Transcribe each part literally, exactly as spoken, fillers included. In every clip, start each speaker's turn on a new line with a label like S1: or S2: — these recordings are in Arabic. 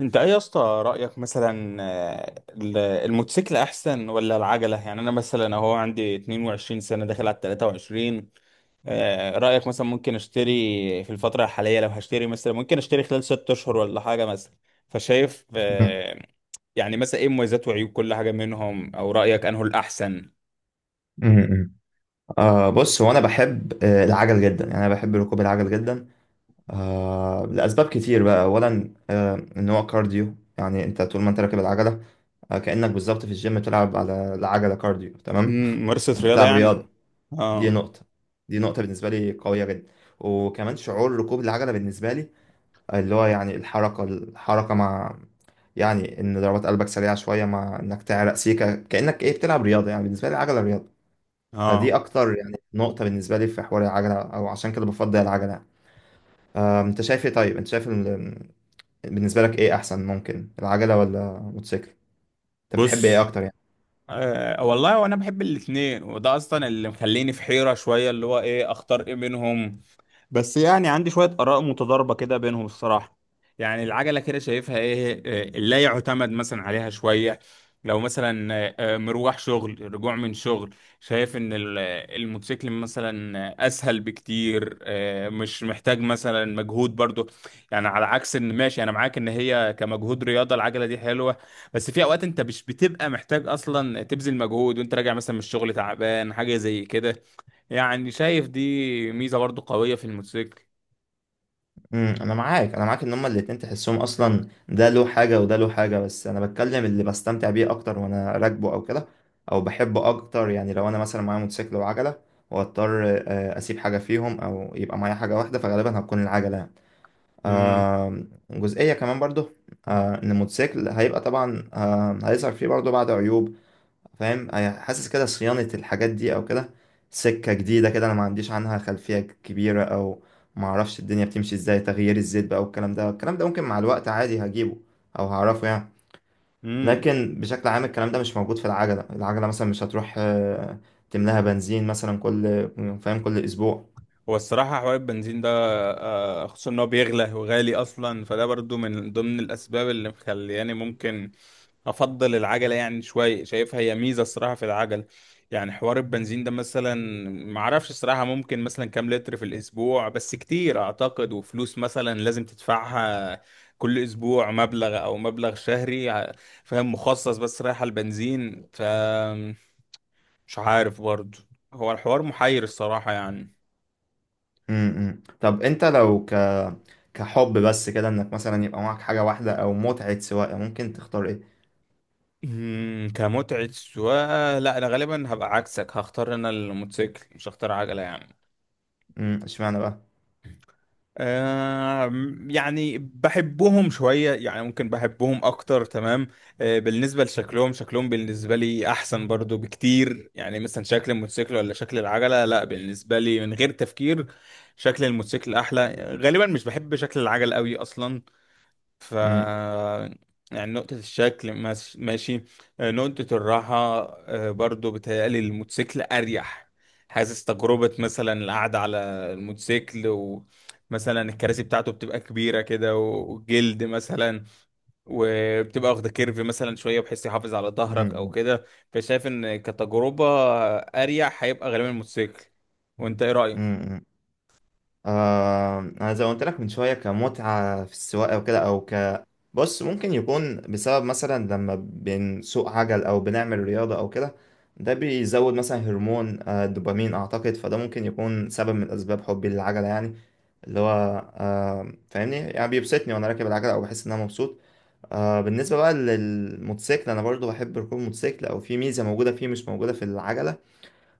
S1: انت ايه يا اسطى؟ رأيك مثلا آه، ال- الموتوسيكل احسن ولا العجلة؟ يعني انا مثلا اهو عندي اتنين وعشرين سنة داخل على تلاتة وعشرين. آه، رأيك مثلا ممكن اشتري في الفترة الحالية، لو هشتري مثلا ممكن اشتري خلال ست اشهر ولا حاجة مثلا؟ فشايف
S2: مم.
S1: آه، يعني مثلا ايه مميزات وعيوب كل حاجة منهم، او رأيك انه الاحسن؟
S2: مم. آه بص، هو انا بحب آه، العجل جدا، يعني انا بحب ركوب العجل جدا. آه لاسباب كتير بقى، اولا آه ان هو كارديو، يعني انت طول ما انت راكب العجله آه كانك بالظبط في الجيم بتلعب على العجله كارديو، تمام.
S1: مم، ممارسة
S2: انت
S1: رياضة
S2: بتلعب
S1: يعني.
S2: رياضه. دي
S1: اه.
S2: نقطه، دي نقطه بالنسبه لي قويه جدا. وكمان شعور ركوب العجله بالنسبه لي، آه، اللي هو يعني الحركه، الحركه مع، يعني ان ضربات قلبك سريعه شويه مع انك تعرق سيكه، كانك ايه بتلعب رياضه، يعني بالنسبه لي العجله رياضه. فدي
S1: اه.
S2: اكتر يعني نقطة بالنسبة لي في حوار العجلة، او عشان كده بفضل العجلة. آه، انت شايف ايه؟ طيب انت شايف ال- بالنسبة لك ايه احسن؟ ممكن العجلة ولا موتوسيكل؟ انت بتحب ايه
S1: بص.
S2: اكتر يعني؟
S1: أه والله وانا بحب الاثنين، وده اصلا اللي مخليني في حيرة شوية اللي هو ايه اختار ايه منهم. بس يعني عندي شوية آراء متضاربة كده بينهم الصراحة. يعني العجلة كده شايفها إيه؟ آه، لا يعتمد مثلا عليها شوية. لو مثلا آه، آه، مروح شغل، رجوع من شغل، شايف إن ال- آه، الموتوسيكل مثلا آه، أسهل بكتير، آه، مش محتاج مثلا مجهود برضو. يعني على عكس إن ماشي أنا معاك إن هي كمجهود رياضة العجلة دي حلوة، بس في أوقات أنت مش بتبقى محتاج أصلا تبذل مجهود وأنت راجع مثلا من الشغل تعبان حاجة زي كده. يعني شايف دي ميزة برضو قوية في الموتوسيكل.
S2: امم انا معاك، انا معاك ان هما الاتنين، تحسهم اصلا ده له حاجة وده له حاجة، بس انا بتكلم اللي بستمتع بيه اكتر وانا راكبه او كده، او بحبه اكتر. يعني لو انا مثلا معايا موتوسيكل وعجلة، واضطر آه، اسيب حاجة فيهم او يبقى معايا حاجة واحدة، فغالبا هتكون العجلة يعني.
S1: امم.
S2: آه جزئية كمان برضه، آه إن الموتوسيكل هيبقى طبعا آه هيظهر فيه برضه بعض عيوب، فاهم؟ هي- حاسس كده صيانة الحاجات دي أو كده، سكة جديدة كده أنا ما عنديش عنها خلفية كبيرة، أو ما أعرفش الدنيا بتمشي إزاي، تغيير الزيت بقى والكلام ده الكلام ده ممكن مع الوقت عادي هجيبه، أو هعرفه يعني.
S1: امم.
S2: لكن بشكل عام الكلام ده مش موجود في العجلة. العجلة، مثلا مش هتروح آه تملاها بنزين مثلا كل فاهم كل أسبوع.
S1: هو الصراحة حوار البنزين ده آه، خصوصا ان هو بيغلى وغالي اصلا، فده برضو من ضمن الاسباب اللي مخلياني ممكن افضل العجلة، يعني شوية شايفها هي ميزة الصراحة في العجل. يعني حوار البنزين ده مثلا، معرفش الصراحة ممكن مثلا كام لتر في الاسبوع، بس كتير اعتقد، وفلوس مثلا لازم تدفعها كل اسبوع، مبلغ او مبلغ شهري ع- فاهم مخصص بس رايح على البنزين، ف مش عارف برضه، هو الحوار محير الصراحة يعني.
S2: م -م. طب أنت لو كحب بس كده انك مثلا يبقى معاك حاجة واحدة او متعة سواقة، ممكن تختار ايه؟
S1: مم، كمتعة سواقة لا أنا غالبا هبقى عكسك، هختار أنا الموتوسيكل مش هختار عجلة يعني.
S2: امم اشمعنى بقى؟
S1: آه. يعني بحبهم شوية يعني ممكن بحبهم أكتر تمام. آه، بالنسبة لشكلهم شكلهم بالنسبة لي أحسن برضو بكتير، يعني مثلا شكل الموتوسيكل ولا شكل العجلة؟ لا بالنسبة لي من غير تفكير شكل الموتوسيكل أحلى، غالبا مش بحب شكل العجل قوي أصلا. ف
S2: امم،
S1: يعني نقطة الشكل ماس- ماشي. آه، نقطة الراحة آه، برضو بتهيألي الموتوسيكل أريح. حاسس تجربة مثلا القعدة على الموتوسيكل، ومثلا الكراسي بتاعته بتبقى كبيرة كده و- وجلد مثلا، وبتبقى واخدة كيرف مثلا شوية بحيث يحافظ على ظهرك أو
S2: امم،
S1: كده. فشايف إن كتجربة أريح هيبقى غالبا الموتوسيكل. وأنت إيه رأيك؟
S2: امم. آه انا زي ما قلت لك من شوية، كمتعة في السواقة وكده، او ك بص، ممكن يكون بسبب مثلا لما بنسوق عجل او بنعمل رياضة او كده، ده بيزود مثلا هرمون آه، الدوبامين اعتقد، فده ممكن يكون سبب من اسباب حبي للعجلة يعني، اللي هو آه فاهمني، يعني بيبسطني وانا راكب العجلة، او بحس ان انا مبسوط. آه بالنسبة بقى للموتوسيكل، أنا برضو بحب ركوب الموتوسيكل، أو في ميزة موجودة فيه مش موجودة في العجلة،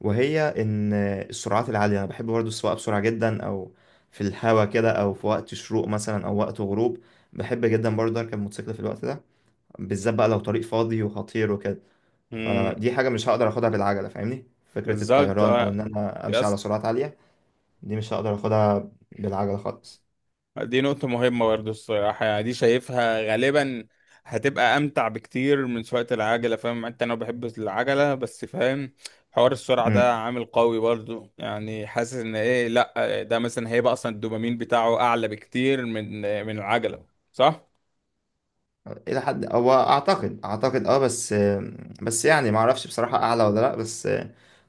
S2: وهي إن السرعات العالية، أنا بحب برضو السواقة بسرعة جدا، أو في الهوا كده، أو في وقت شروق مثلا أو وقت غروب. بحب جدا برضو أركب موتوسيكل في الوقت ده، بالذات بقى لو طريق فاضي وخطير وكده.
S1: امم.
S2: فدي حاجة مش هقدر أخدها بالعجلة، فاهمني؟ فكرة
S1: بالظبط
S2: الطيران أو
S1: اه.
S2: إن أنا أمشي على سرعات عالية، دي مش هقدر أخدها بالعجلة خالص.
S1: دي نقطة مهمة برضه الصراحة، يعني دي شايفها غالبا هتبقى أمتع بكتير من سواقة العجلة. فاهم أنت، أنا بحب العجلة بس فاهم حوار السرعة ده عامل قوي برضه، يعني حاسس إن إيه، لأ ده مثلا هيبقى أصلا الدوبامين بتاعه أعلى بكتير من من العجلة، صح؟
S2: الى حد هو اعتقد اعتقد اه بس بس، يعني ما اعرفش بصراحه اعلى ولا لا، بس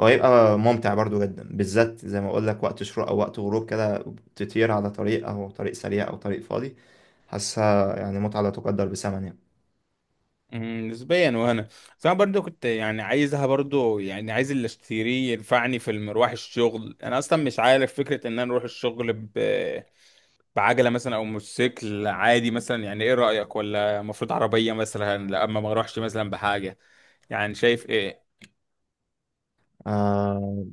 S2: هو هيبقى ممتع برضو جدا، بالذات زي ما اقول لك وقت شروق او وقت غروب كده، تطير على طريق او طريق سريع او طريق فاضي. حاسها يعني متعه لا تقدر بثمن يعني.
S1: مم، نسبيا. وأنا بس أنا برضه كنت يعني عايزها برضه، يعني عايز اللي أشتريه ينفعني في المروح الشغل، أنا أصلا مش عارف فكرة إن أنا أروح الشغل بعجلة مثلا أو موتوسيكل عادي مثلا. يعني إيه رأيك؟ ولا المفروض عربية مثلا لما ما أروحش مثلا بحاجة؟ يعني شايف إيه؟
S2: آه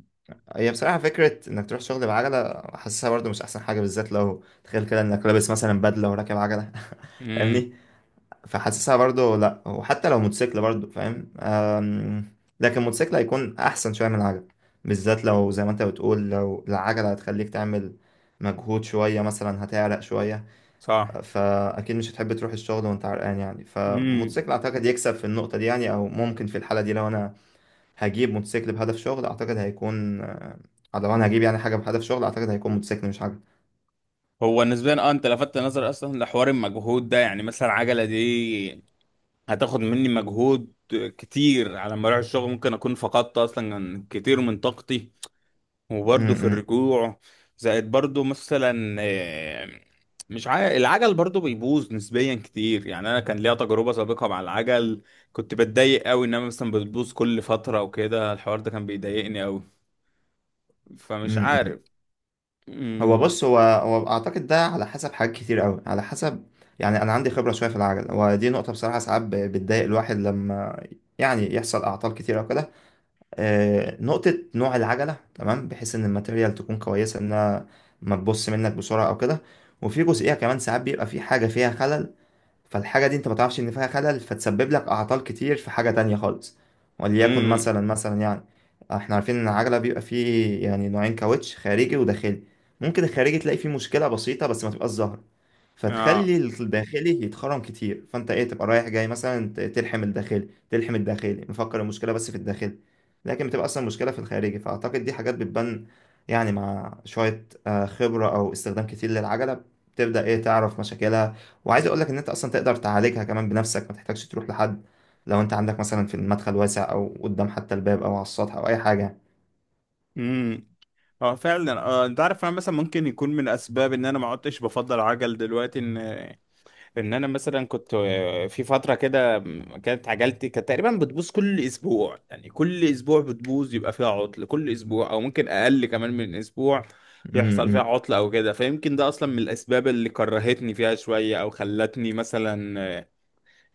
S2: هي بصراحه فكره انك تروح شغل بعجله، حاسسها برضو مش احسن حاجه، بالذات لو تخيل كده انك لابس مثلا بدله وراكب عجله.
S1: امم.
S2: فاهمني؟ فحاسسها برضو لا، وحتى لو موتوسيكل برضو فاهم، أم، لكن موتوسيكل هيكون احسن شويه من العجل، بالذات لو زي ما انت بتقول لو العجله هتخليك تعمل مجهود شويه، مثلا هتعرق شويه،
S1: صح.
S2: فاكيد مش هتحب تروح الشغل وانت عرقان يعني.
S1: امم.
S2: فموتوسيكل اعتقد يكسب في النقطه دي يعني، او ممكن في الحاله دي لو انا هجيب موتوسيكل بهدف شغل اعتقد هيكون أه، لو انا هجيب يعني حاجه بهدف شغل، اعتقد هيكون موتوسيكل مش عجل.
S1: هو نسبيا اه، انت لفتت نظري اصلا لحوار المجهود ده، يعني مثلا عجلة دي هتاخد مني مجهود كتير على ما اروح الشغل، ممكن اكون فقدت اصلا كتير من طاقتي،
S2: م-
S1: وبرضه في
S2: م-
S1: الرجوع. زائد برضه مثلا آه، مش عارف العجل برضه بيبوظ نسبيا كتير، يعني انا كان ليا تجربة سابقة مع العجل، كنت بتضايق قوي انما مثلا بتبوظ كل فترة وكده، الحوار ده كان بيضايقني قوي، فمش
S2: م- م.
S1: عارف.
S2: هو
S1: امم.
S2: بص، هو هو اعتقد ده على حسب حاجات كتير قوي، على حسب، يعني انا عندي خبره شويه في العجل، ودي نقطه بصراحه ساعات ب- بتضايق الواحد لما يعني يحصل اعطال كتير او كده. آه، نقطه نوع العجله، تمام بحيث ان الماتيريال تكون كويسه، انها ما تبص منك بسرعه او كده. وفي جزئيه كمان ساعات بيبقى في حاجه فيها خلل، فالحاجة دي انت ما تعرفش ان فيها خلل، فتسبب لك اعطال كتير في حاجة تانية خالص. وليكن
S1: امم.
S2: مثلا مثلا يعني، احنا عارفين ان العجلة بيبقى فيه يعني نوعين كاوتش، خارجي وداخلي. ممكن الخارجي تلاقي فيه مشكلة بسيطة بس ما تبقاش ظاهرة،
S1: اه.
S2: فتخلي الداخلي يتخرم كتير، فانت ايه تبقى رايح جاي مثلا ت- تلحم الداخلي، تلحم الداخلي مفكر المشكلة بس في الداخلي، لكن بتبقى اصلا مشكلة في الخارجي. فاعتقد دي حاجات بتبان، يعني مع شوية آه، خبرة او استخدام كتير للعجلة، بتبدأ ايه تعرف مشاكلها، وعايز اقول لك ان انت اصلا تقدر تعالجها كمان بنفسك، ما تحتاجش تروح لحد، لو انت عندك مثلا في المدخل واسع او قدام حتى الباب او على السطح او اي حاجه.
S1: امم. اه فعلا. اه انت عارف، انا مثلا ممكن يكون من اسباب ان انا ما عدتش بفضل عجل دلوقتي ان ان انا مثلا كنت آه، في فتره كده م- كانت عجلتي كانت تقريبا بتبوظ كل اسبوع، يعني كل اسبوع بتبوظ يبقى فيها عطل كل اسبوع، او ممكن اقل كمان من اسبوع يحصل فيها
S2: امم،
S1: عطل او كده. فيمكن ده اصلا من الاسباب اللي كرهتني فيها شويه، او خلتني مثلا آه،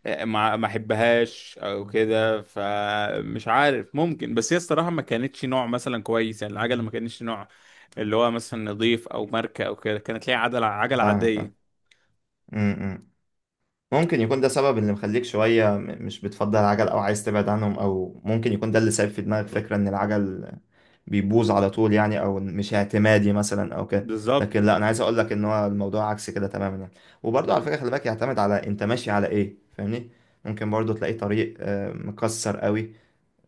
S1: آه، ما ما احبهاش او كده. فمش عارف ممكن، بس هي الصراحه ما كانتش نوع مثلا كويس، يعني العجله ما كانتش نوع اللي هو مثلا نظيف او ماركه او كده، كانت ليها عجله عجله
S2: فاهم فاهم،
S1: عاديه.
S2: امم. ممكن يكون ده سبب اللي مخليك شويه م- مش بتفضل العجل، او عايز تبعد عنهم، او ممكن يكون ده اللي سايب في دماغك فكره ان العجل بيبوظ على طول يعني، او مش اعتمادي مثلا او كده. لكن
S1: بالظبط.
S2: لا، انا عايز اقول لك ان هو الموضوع عكس كده تماما يعني. وبرضه على فكره، خلي بالك يعتمد على انت ماشي على ايه، فاهمني؟ ممكن برضه تلاقي طريق آه، مكسر قوي،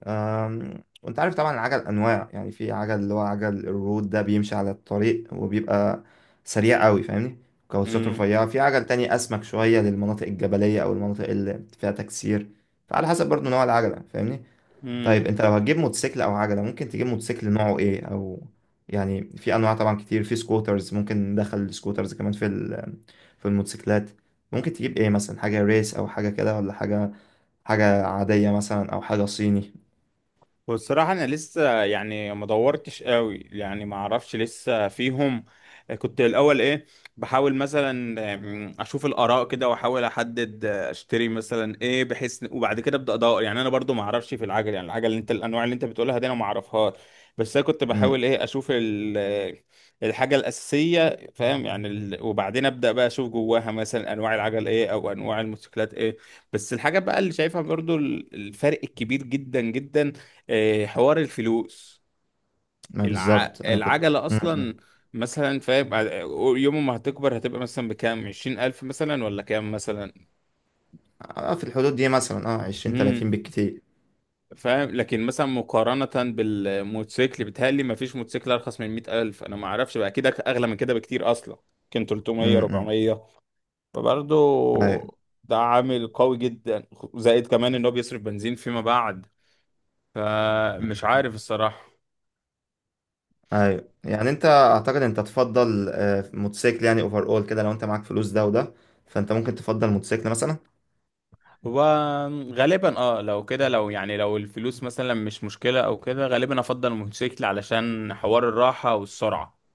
S2: أم، وانت عارف طبعا العجل انواع. يعني في عجل اللي هو عجل الرود، ده بيمشي على الطريق وبيبقى سريع قوي، فاهمني؟ كاوتشات رفيعه. في عجل تاني اسمك شويه للمناطق الجبليه او المناطق اللي فيها تكسير، فعلى حسب برضو نوع العجله، فاهمني. طيب
S1: امم.
S2: انت لو هتجيب موتوسيكل او عجله، ممكن تجيب موتوسيكل نوعه ايه؟ او يعني في انواع طبعا كتير، في سكوترز، ممكن ندخل السكوترز كمان في ال- في الموتوسيكلات. ممكن تجيب ايه مثلا؟ حاجه ريس او حاجه كده، ولا حاجه حاجه عاديه مثلا، او حاجه صيني؟
S1: والصراحة أنا لسه يعني ما دورتش قوي، يعني ما أعرفش لسه فيهم. كنت الأول إيه بحاول مثلا آم، أشوف الآراء كده وأحاول أحدد آه، أشتري مثلا إيه، بحيث وبعد كده أبدأ أدور. يعني أنا برضو ما أعرفش في العجل، يعني العجل اللي أنت الأنواع اللي أنت بتقولها دي أنا ما أعرفهاش. بس أنا كنت بحاول إيه أشوف ال- آه، الحاجة الأساسية، فاهم يعني ال... وبعدين أبدأ بقى أشوف جواها مثلا أنواع العجل إيه أو أنواع الموتوسيكلات إيه. بس الحاجة بقى اللي شايفها برضو ال- الفرق الكبير جدا جدا آه، حوار الفلوس.
S2: ما
S1: الع...
S2: بالظبط انا كنت.
S1: العجلة
S2: م-
S1: أصلا
S2: م.
S1: مثلا فاهم ع- يوم ما هتكبر هتبقى مثلا بكام، عشرين ألف مثلا ولا كام مثلا.
S2: آه، في الحدود دي مثلا اه عشرين تلاتين
S1: مم.
S2: بالكتير.
S1: فاهم لكن مثلا مقارنة بالموتوسيكل بيتهيألي مفيش موتوسيكل أرخص من مئة ألف، أنا معرفش بقى كده أغلى من كده بكتير أصلا، كان
S2: م-
S1: تلتميه
S2: م.
S1: اربعمية. فبرضه
S2: ايوه.
S1: ده عامل قوي جدا، زائد كمان إن هو بيصرف بنزين فيما بعد،
S2: م-
S1: فمش عارف الصراحة.
S2: ايوه، يعني انت اعتقد انت تفضل آه، موتوسيكل يعني اوفر، اول كده لو انت معاك فلوس ده وده، فانت ممكن تفضل موتوسيكل مثلا.
S1: هو غالبا اه لو كده، لو يعني لو الفلوس مثلا مش مشكلة او كده، غالبا افضل الموتوسيكل علشان حوار الراحة والسرعة.